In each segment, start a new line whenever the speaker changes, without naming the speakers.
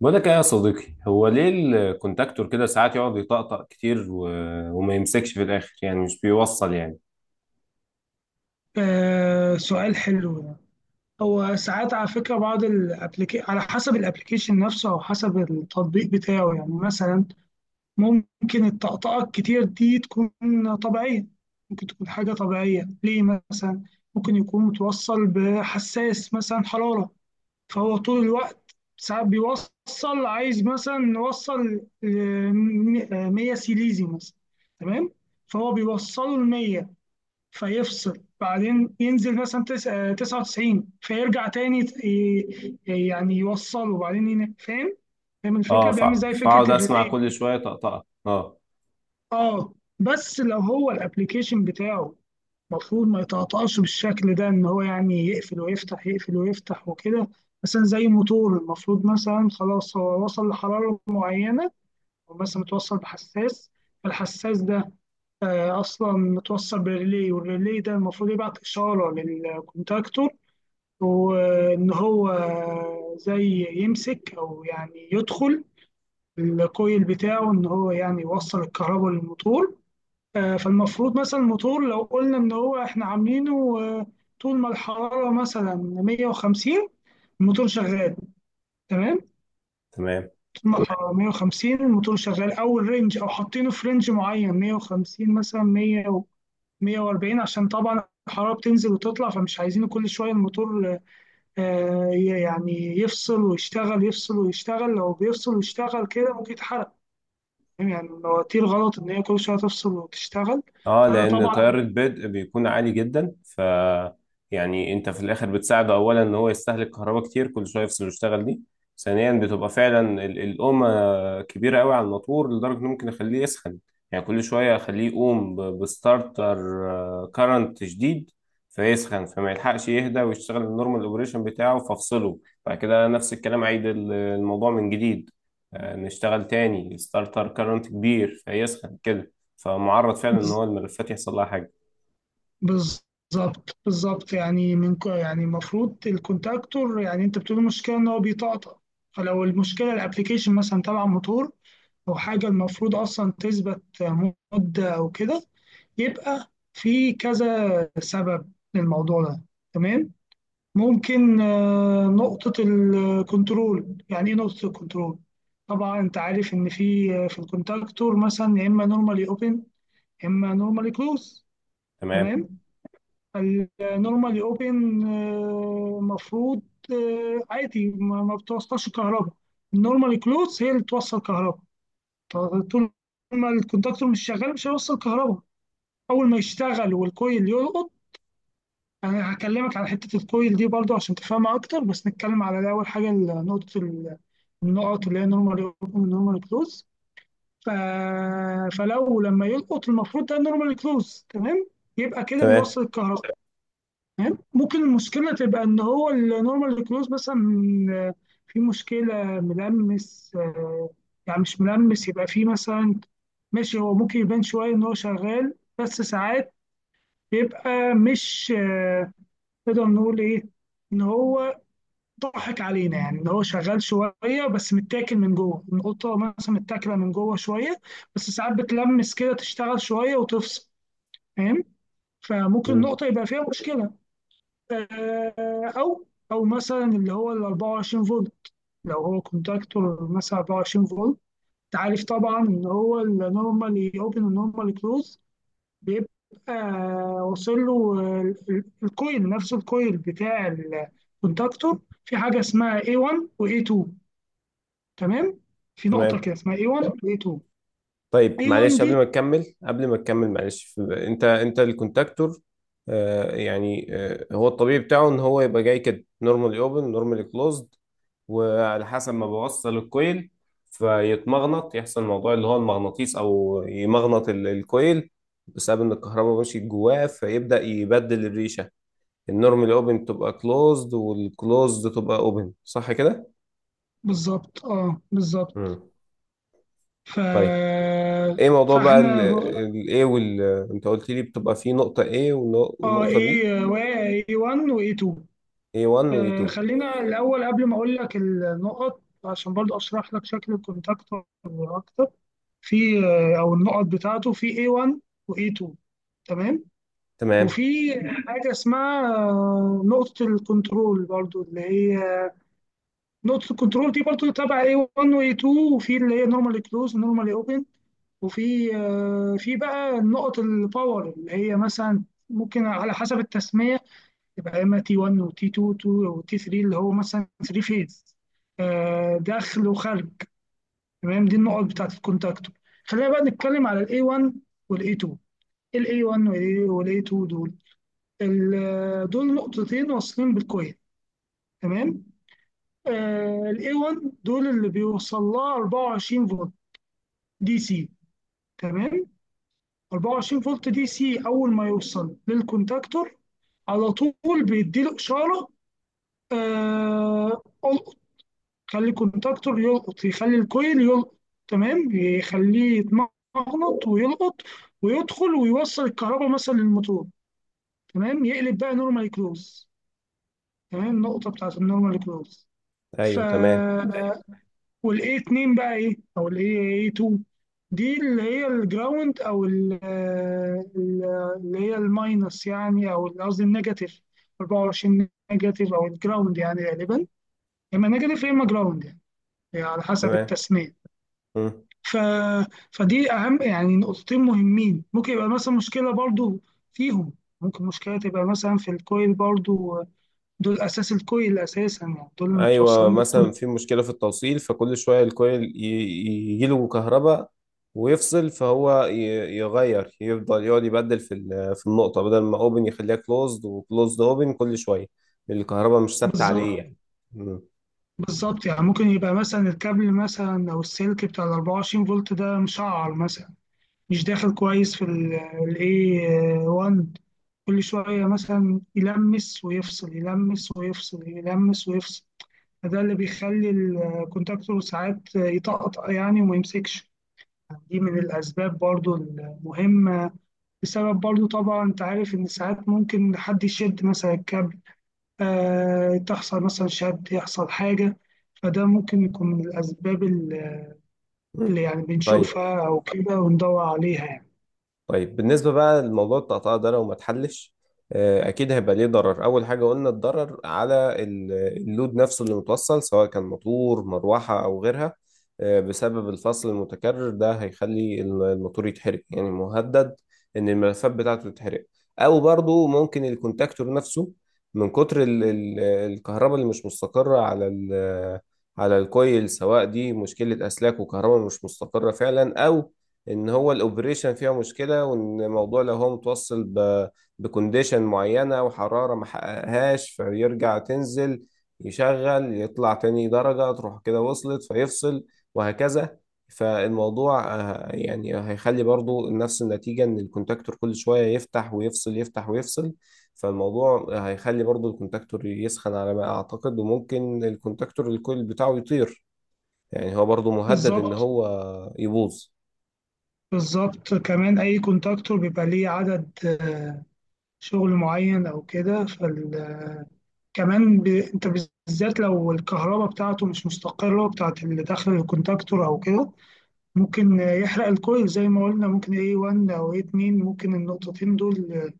بقول لك ايه يا صديقي؟ هو ليه الكونتاكتور كده ساعات يقعد يطقطق كتير وما يمسكش في الاخر، يعني مش بيوصل يعني.
آه، سؤال حلو ده. هو ساعات على فكرة بعض الابليكي على حسب الابليكيشن نفسه أو حسب التطبيق بتاعه، يعني مثلا ممكن الطقطقة الكتير دي تكون طبيعية. ممكن تكون حاجة طبيعية ليه، مثلا ممكن يكون متوصل بحساس مثلا حرارة، فهو طول الوقت ساعات بيوصل، عايز مثلا نوصل ل 100 سيليزي مثلا، تمام؟ فهو بيوصله ل 100 فيفصل، بعدين ينزل مثلا 99 فيرجع تاني يعني يوصله وبعدين فاهم؟ فاهم
اه
الفكره، بيعمل زي
فاقعد
فكره
اسمع
الريلي
كل
كده.
شويه طقطقه. اه
اه، بس لو هو الابليكيشن بتاعه المفروض ما يتقطعش بالشكل ده، ان هو يعني يقفل ويفتح يقفل ويفتح وكده، مثلا زي موتور، المفروض مثلا خلاص هو وصل لحراره معينه، او مثلا متوصل بحساس، فالحساس ده اصلا متوصل بريلي، والريلي ده المفروض يبعت اشاره للكونتاكتور، وان هو زي يمسك او يعني يدخل الكويل بتاعه، ان هو يعني يوصل الكهرباء للموتور. فالمفروض مثلا الموتور لو قلنا ان هو احنا عاملينه، طول ما الحراره مثلا 150 الموتور شغال، تمام؟
تمام.
طول ما الحراره 150 الموتور شغال، او الرينج، او حاطينه في رينج معين 150، مثلا 100 140، عشان طبعا الحرارة بتنزل وتطلع، فمش عايزين كل شوية الموتور يعني يفصل ويشتغل يفصل ويشتغل. لو بيفصل ويشتغل كده ممكن يتحرق. فاهم؟ يعني المواتير غلط إن هي كل شوية تفصل وتشتغل.
اه،
فأنا
لان
طبعا
تيار البدء بيكون عالي جدا، ف- يعني انت في الاخر بتساعده، اولا ان هو يستهلك كهرباء كتير كل شويه يفصل ويشتغل دي، ثانيا بتبقى فعلا القومه كبيره قوي على الموتور لدرجه انه ممكن اخليه يسخن، يعني كل شويه اخليه يقوم بستارتر كارنت شديد فيسخن، فما يلحقش يهدى ويشتغل النورمال اوبريشن بتاعه فافصله. بعد كده نفس الكلام، عيد الموضوع من جديد، نشتغل تاني ستارتر كارنت كبير فيسخن كده، فمعرض فعلا ان
بز-
هو الملفات يحصل لها حاجه.
بالظبط بالظبط، يعني يعني المفروض الكونتاكتور، يعني انت بتقول المشكله ان هو بيطقطق، فلو المشكله الابلكيشن مثلا تبع موتور او حاجه المفروض اصلا تثبت مده او كده، يبقى في كذا سبب للموضوع ده. تمام؟ ممكن نقطة الكنترول. يعني ايه نقطة الكنترول؟ طبعا انت عارف ان في، في الكونتاكتور مثلا، يا اما نورمالي اوبن يا اما نورمالي كلوز،
تمام.
تمام؟ النورمالي اوبن المفروض عادي ما بتوصلش كهرباء، النورمالي كلوز هي اللي بتوصل كهرباء. طول ما الكونتاكتور مش شغال مش هيوصل كهرباء. اول ما يشتغل والكويل يلقط، انا هكلمك على حته الكويل دي برضو عشان تفهمها اكتر، بس نتكلم على الاول حاجه النقط اللي هي نورمال اوبن ونورمال كلوز. ف... فلو لما يلقط المفروض ده نورمال كلوز، تمام؟ يبقى كده
تمام.
بيوصل الكهرباء. تمام. ممكن المشكله تبقى ان هو النورمال كلوز مثلا، آه، في مشكله ملمس، يعني مش ملمس، يبقى في مثلا، ماشي، هو ممكن يبان شويه ان هو شغال، بس ساعات بيبقى مش، نقدر نقول ايه، ان هو ضحك علينا، يعني ان هو شغال شويه بس متاكل من جوه، القطه مثلا متاكله من جوه شويه، بس ساعات بتلمس كده، تشتغل شويه وتفصل. فاهم؟ فممكن
مم.
نقطه يبقى فيها مشكله. او او مثلا اللي هو ال 24 فولت، لو هو كونتاكتور مثلا 24 فولت، انت عارف طبعا ان هو النورمالي اوبن والنورمالي كلوز، بيبقى واصل له الكويل، نفس الكويل بتاع الكونتاكتور، في حاجة اسمها A1 و A2، تمام؟ في نقطة
تمام.
كده اسمها A1 و A2.
طيب
A1
معلش قبل
دي،
ما تكمل، قبل ما تكمل معلش، انت الكونتاكتور، يعني هو الطبيعي بتاعه ان هو يبقى جاي كده نورمالي اوبن نورمالي كلوزد، وعلى حسب ما بوصل الكويل فيتمغنط، يحصل موضوع اللي هو المغناطيس، او يمغنط الكويل بسبب ان الكهرباء ماشيه جواه، فيبدا يبدل الريشه، النورمال اوبن تبقى كلوزد والكلوزد تبقى اوبن، صح كده؟
بالظبط، اه بالظبط.
مم.
ف
طيب، ايه موضوع بقى ال
فاحنا،
ال A وال- انت قلت لي بتبقى فيه نقطة A
اه،
ونقطة B.
ايه، واي 1 واي 2.
A1 و
آه،
A2.
خلينا الاول قبل ما اقول لك النقط، عشان برضو اشرح لك شكل الكونتاكتور اكتر. في او النقط بتاعته، في A1 و A2، تمام.
تمام.
وفي حاجة اسمها نقطة الكنترول برضو، اللي هي نقطة الكنترول دي برضو تبع A1 و A2. وفي اللي هي نورمالي كلوز ونورمالي اوبن. وفي في بقى نقط الباور، اللي هي مثلا ممكن على حسب التسمية يبقى اما T1 و T2 و T3، اللي هو مثلا 3 فيز، داخل وخارج. تمام، دي النقط بتاعت الكونتاكتور. خلينا بقى نتكلم على ال A1 وال A2. ال A1 وال A2 دول، دول نقطتين واصلين بالكويل، تمام؟ آه، ال A1 دول اللي بيوصل لها 24 فولت دي سي، تمام؟ 24 فولت دي سي اول ما يوصل للكونتاكتور على طول بيديله اشاره القط، خلي الكونتاكتور يلقط، يخلي الكويل يلقط، تمام؟ يخليه يتمغنط ويلقط ويدخل ويوصل الكهرباء مثلا للموتور، تمام؟ يقلب بقى نورمال كلوز، تمام، النقطه بتاعت النورمال كلوز. ف
ايوه تمام.
والاي 2 بقى ايه؟ او الاي اي 2، دي اللي هي الجراوند او ال- اللي هي الماينس يعني، او قصدي النيجاتيف، 24 نيجاتيف او الجراوند يعني، غالبا يا اما نيجاتيف يا اما جراوند يعني، يعني على حسب
تمام.
التسميه.
مم.
ف... فدي اهم يعني نقطتين مهمين، ممكن يبقى مثلا مشكله برضو فيهم. ممكن مشكله تبقى مثلا في الكويل برضو، دول اساس الكويل اساسا، يعني دول اللي
ايوه،
متوصلين بالكويل.
مثلا في مشكلة في التوصيل فكل شوية الكويل يجي له كهرباء ويفصل، فهو يغير، يفضل يقعد يبدل في في النقطة، بدل ما اوبن يخليها كلوزد، وكلوزد اوبن كل شوية، الكهرباء مش ثابتة عليه
بالظبط
يعني. مم.
بالظبط. يعني ممكن يبقى مثلا الكابل مثلا، او السلك بتاع ال 24 فولت ده، مشعر مثلا، مش داخل كويس في ال A1، كل شوية مثلا يلمس ويفصل يلمس ويفصل يلمس ويفصل، فده اللي بيخلي الكونتاكتور ساعات يتقطع يعني وما يمسكش. دي من الأسباب برضو المهمة. بسبب برضو، طبعا أنت عارف إن ساعات ممكن حد يشد مثلا الكابل، تحصل مثلا شد، يحصل حاجة، فده ممكن يكون من الأسباب اللي
مم.
يعني
طيب.
بنشوفها أو كده وندور عليها يعني.
طيب بالنسبة بقى لموضوع التقطيع ده، لو ما اتحلش، آه، أكيد هيبقى ليه ضرر. أول حاجة قلنا الضرر على ال- اللود نفسه اللي متوصل سواء كان موتور مروحة أو غيرها، آه، بسبب الفصل المتكرر ده هيخلي الموتور يتحرق، يعني مهدد إن الملفات بتاعته تتحرق. أو برضو ممكن الكونتاكتور نفسه من كتر الكهرباء اللي مش مستقرة على على الكويل، سواء دي مشكلة أسلاك وكهرباء مش مستقرة فعلا، أو ان هو الاوبريشن فيها مشكله، وان الموضوع لو هو متوصل بكونديشن معينه وحراره ما حققهاش فيرجع تنزل، يشغل يطلع تاني درجه تروح كده وصلت فيفصل، وهكذا. فالموضوع آه، يعني هيخلي برضو نفس النتيجه، ان الكونتاكتور كل شويه يفتح ويفصل يفتح ويفصل، فالموضوع هيخلي برضو الكونتاكتور يسخن على ما اعتقد، وممكن الكونتاكتور الكويل بتاعه يطير، يعني هو برضو مهدد ان
بالظبط
هو يبوظ.
بالظبط. كمان أي كونتاكتور بيبقى ليه عدد شغل معين أو كده، فكمان أنت بالذات لو الكهرباء بتاعته مش مستقرة، بتاعت اللي داخل الكونتاكتور أو كده، ممكن يحرق الكويل زي ما قلنا. ممكن A1 أو A2، ممكن النقطتين دول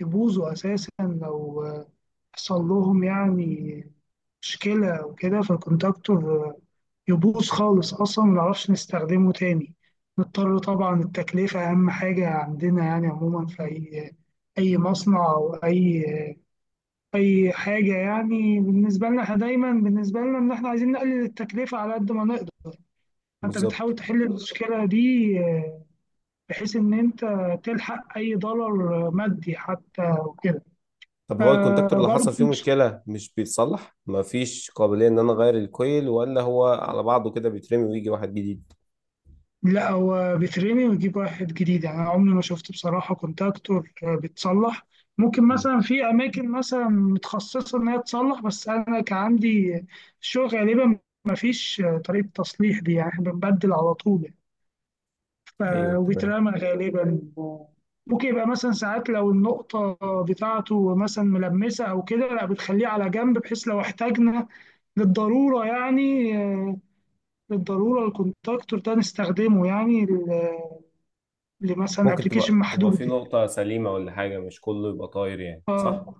يبوظوا أساسا لو حصل لهم يعني مشكلة وكده، فالكونتاكتور يبوظ خالص، أصلا منعرفش نستخدمه تاني، نضطر طبعا. التكلفة أهم حاجة عندنا، يعني عموما في أي مصنع أو أي حاجة، يعني بالنسبة لنا إحنا دايما، بالنسبة لنا إن إحنا عايزين نقلل التكلفة على قد ما نقدر. أنت
بالظبط.
بتحاول تحل المشكلة دي، بحيث إن أنت تلحق أي دولار مادي حتى وكده.
طب هو الكونتاكتور اللي
فبرضه
حصل فيه مشكلة مش بيتصلح؟ مفيش قابلية ان انا اغير الكويل، ولا هو على بعضه كده بيترمي ويجي واحد جديد؟
لا، هو بيترمي ويجيب واحد جديد يعني، أنا عمري ما شفت بصراحة كونتاكتور بيتصلح. ممكن
مم.
مثلا في أماكن مثلا متخصصة إن هي تصلح، بس أنا كان عندي الشغل غالبا ما فيش طريقة تصليح دي يعني، إحنا بنبدل على طول يعني. ف-
ايوه تمام.
وبيترمى غالبا. ممكن يبقى مثلا ساعات لو النقطة بتاعته مثلا ملمسة أو كده، لا، بتخليه على جنب، بحيث لو احتاجنا للضرورة يعني، للضرورة الكونتاكتور ده نستخدمه يعني، لمثلا
ممكن
ابلكيشن
تبقى في
محدود يعني.
نقطة سليمة ولا حاجة، مش كله يبقى طاير يعني، صح؟
اه،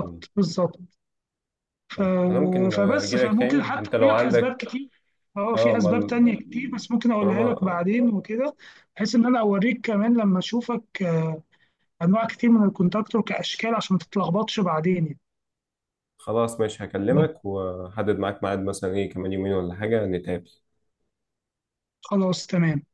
مم.
بالظبط. ف...
طيب انا ممكن
فبس
اجي لك
فممكن
تاني
حتى
انت
اقول
لو
لك اسباب
عندك.
كتير. اه
اه،
في
ما
اسباب تانية كتير، بس ممكن اقولها لك
طالما-
بعدين وكده، بحيث ان انا اوريك كمان لما اشوفك، انواع كتير من الكونتاكتور كاشكال، عشان ما تتلخبطش بعدين يعني.
خلاص ماشي، هكلمك وحدد معاك ميعاد مثلا، ايه كمان يومين ولا حاجة نتقابل؟
خلاص، تمام.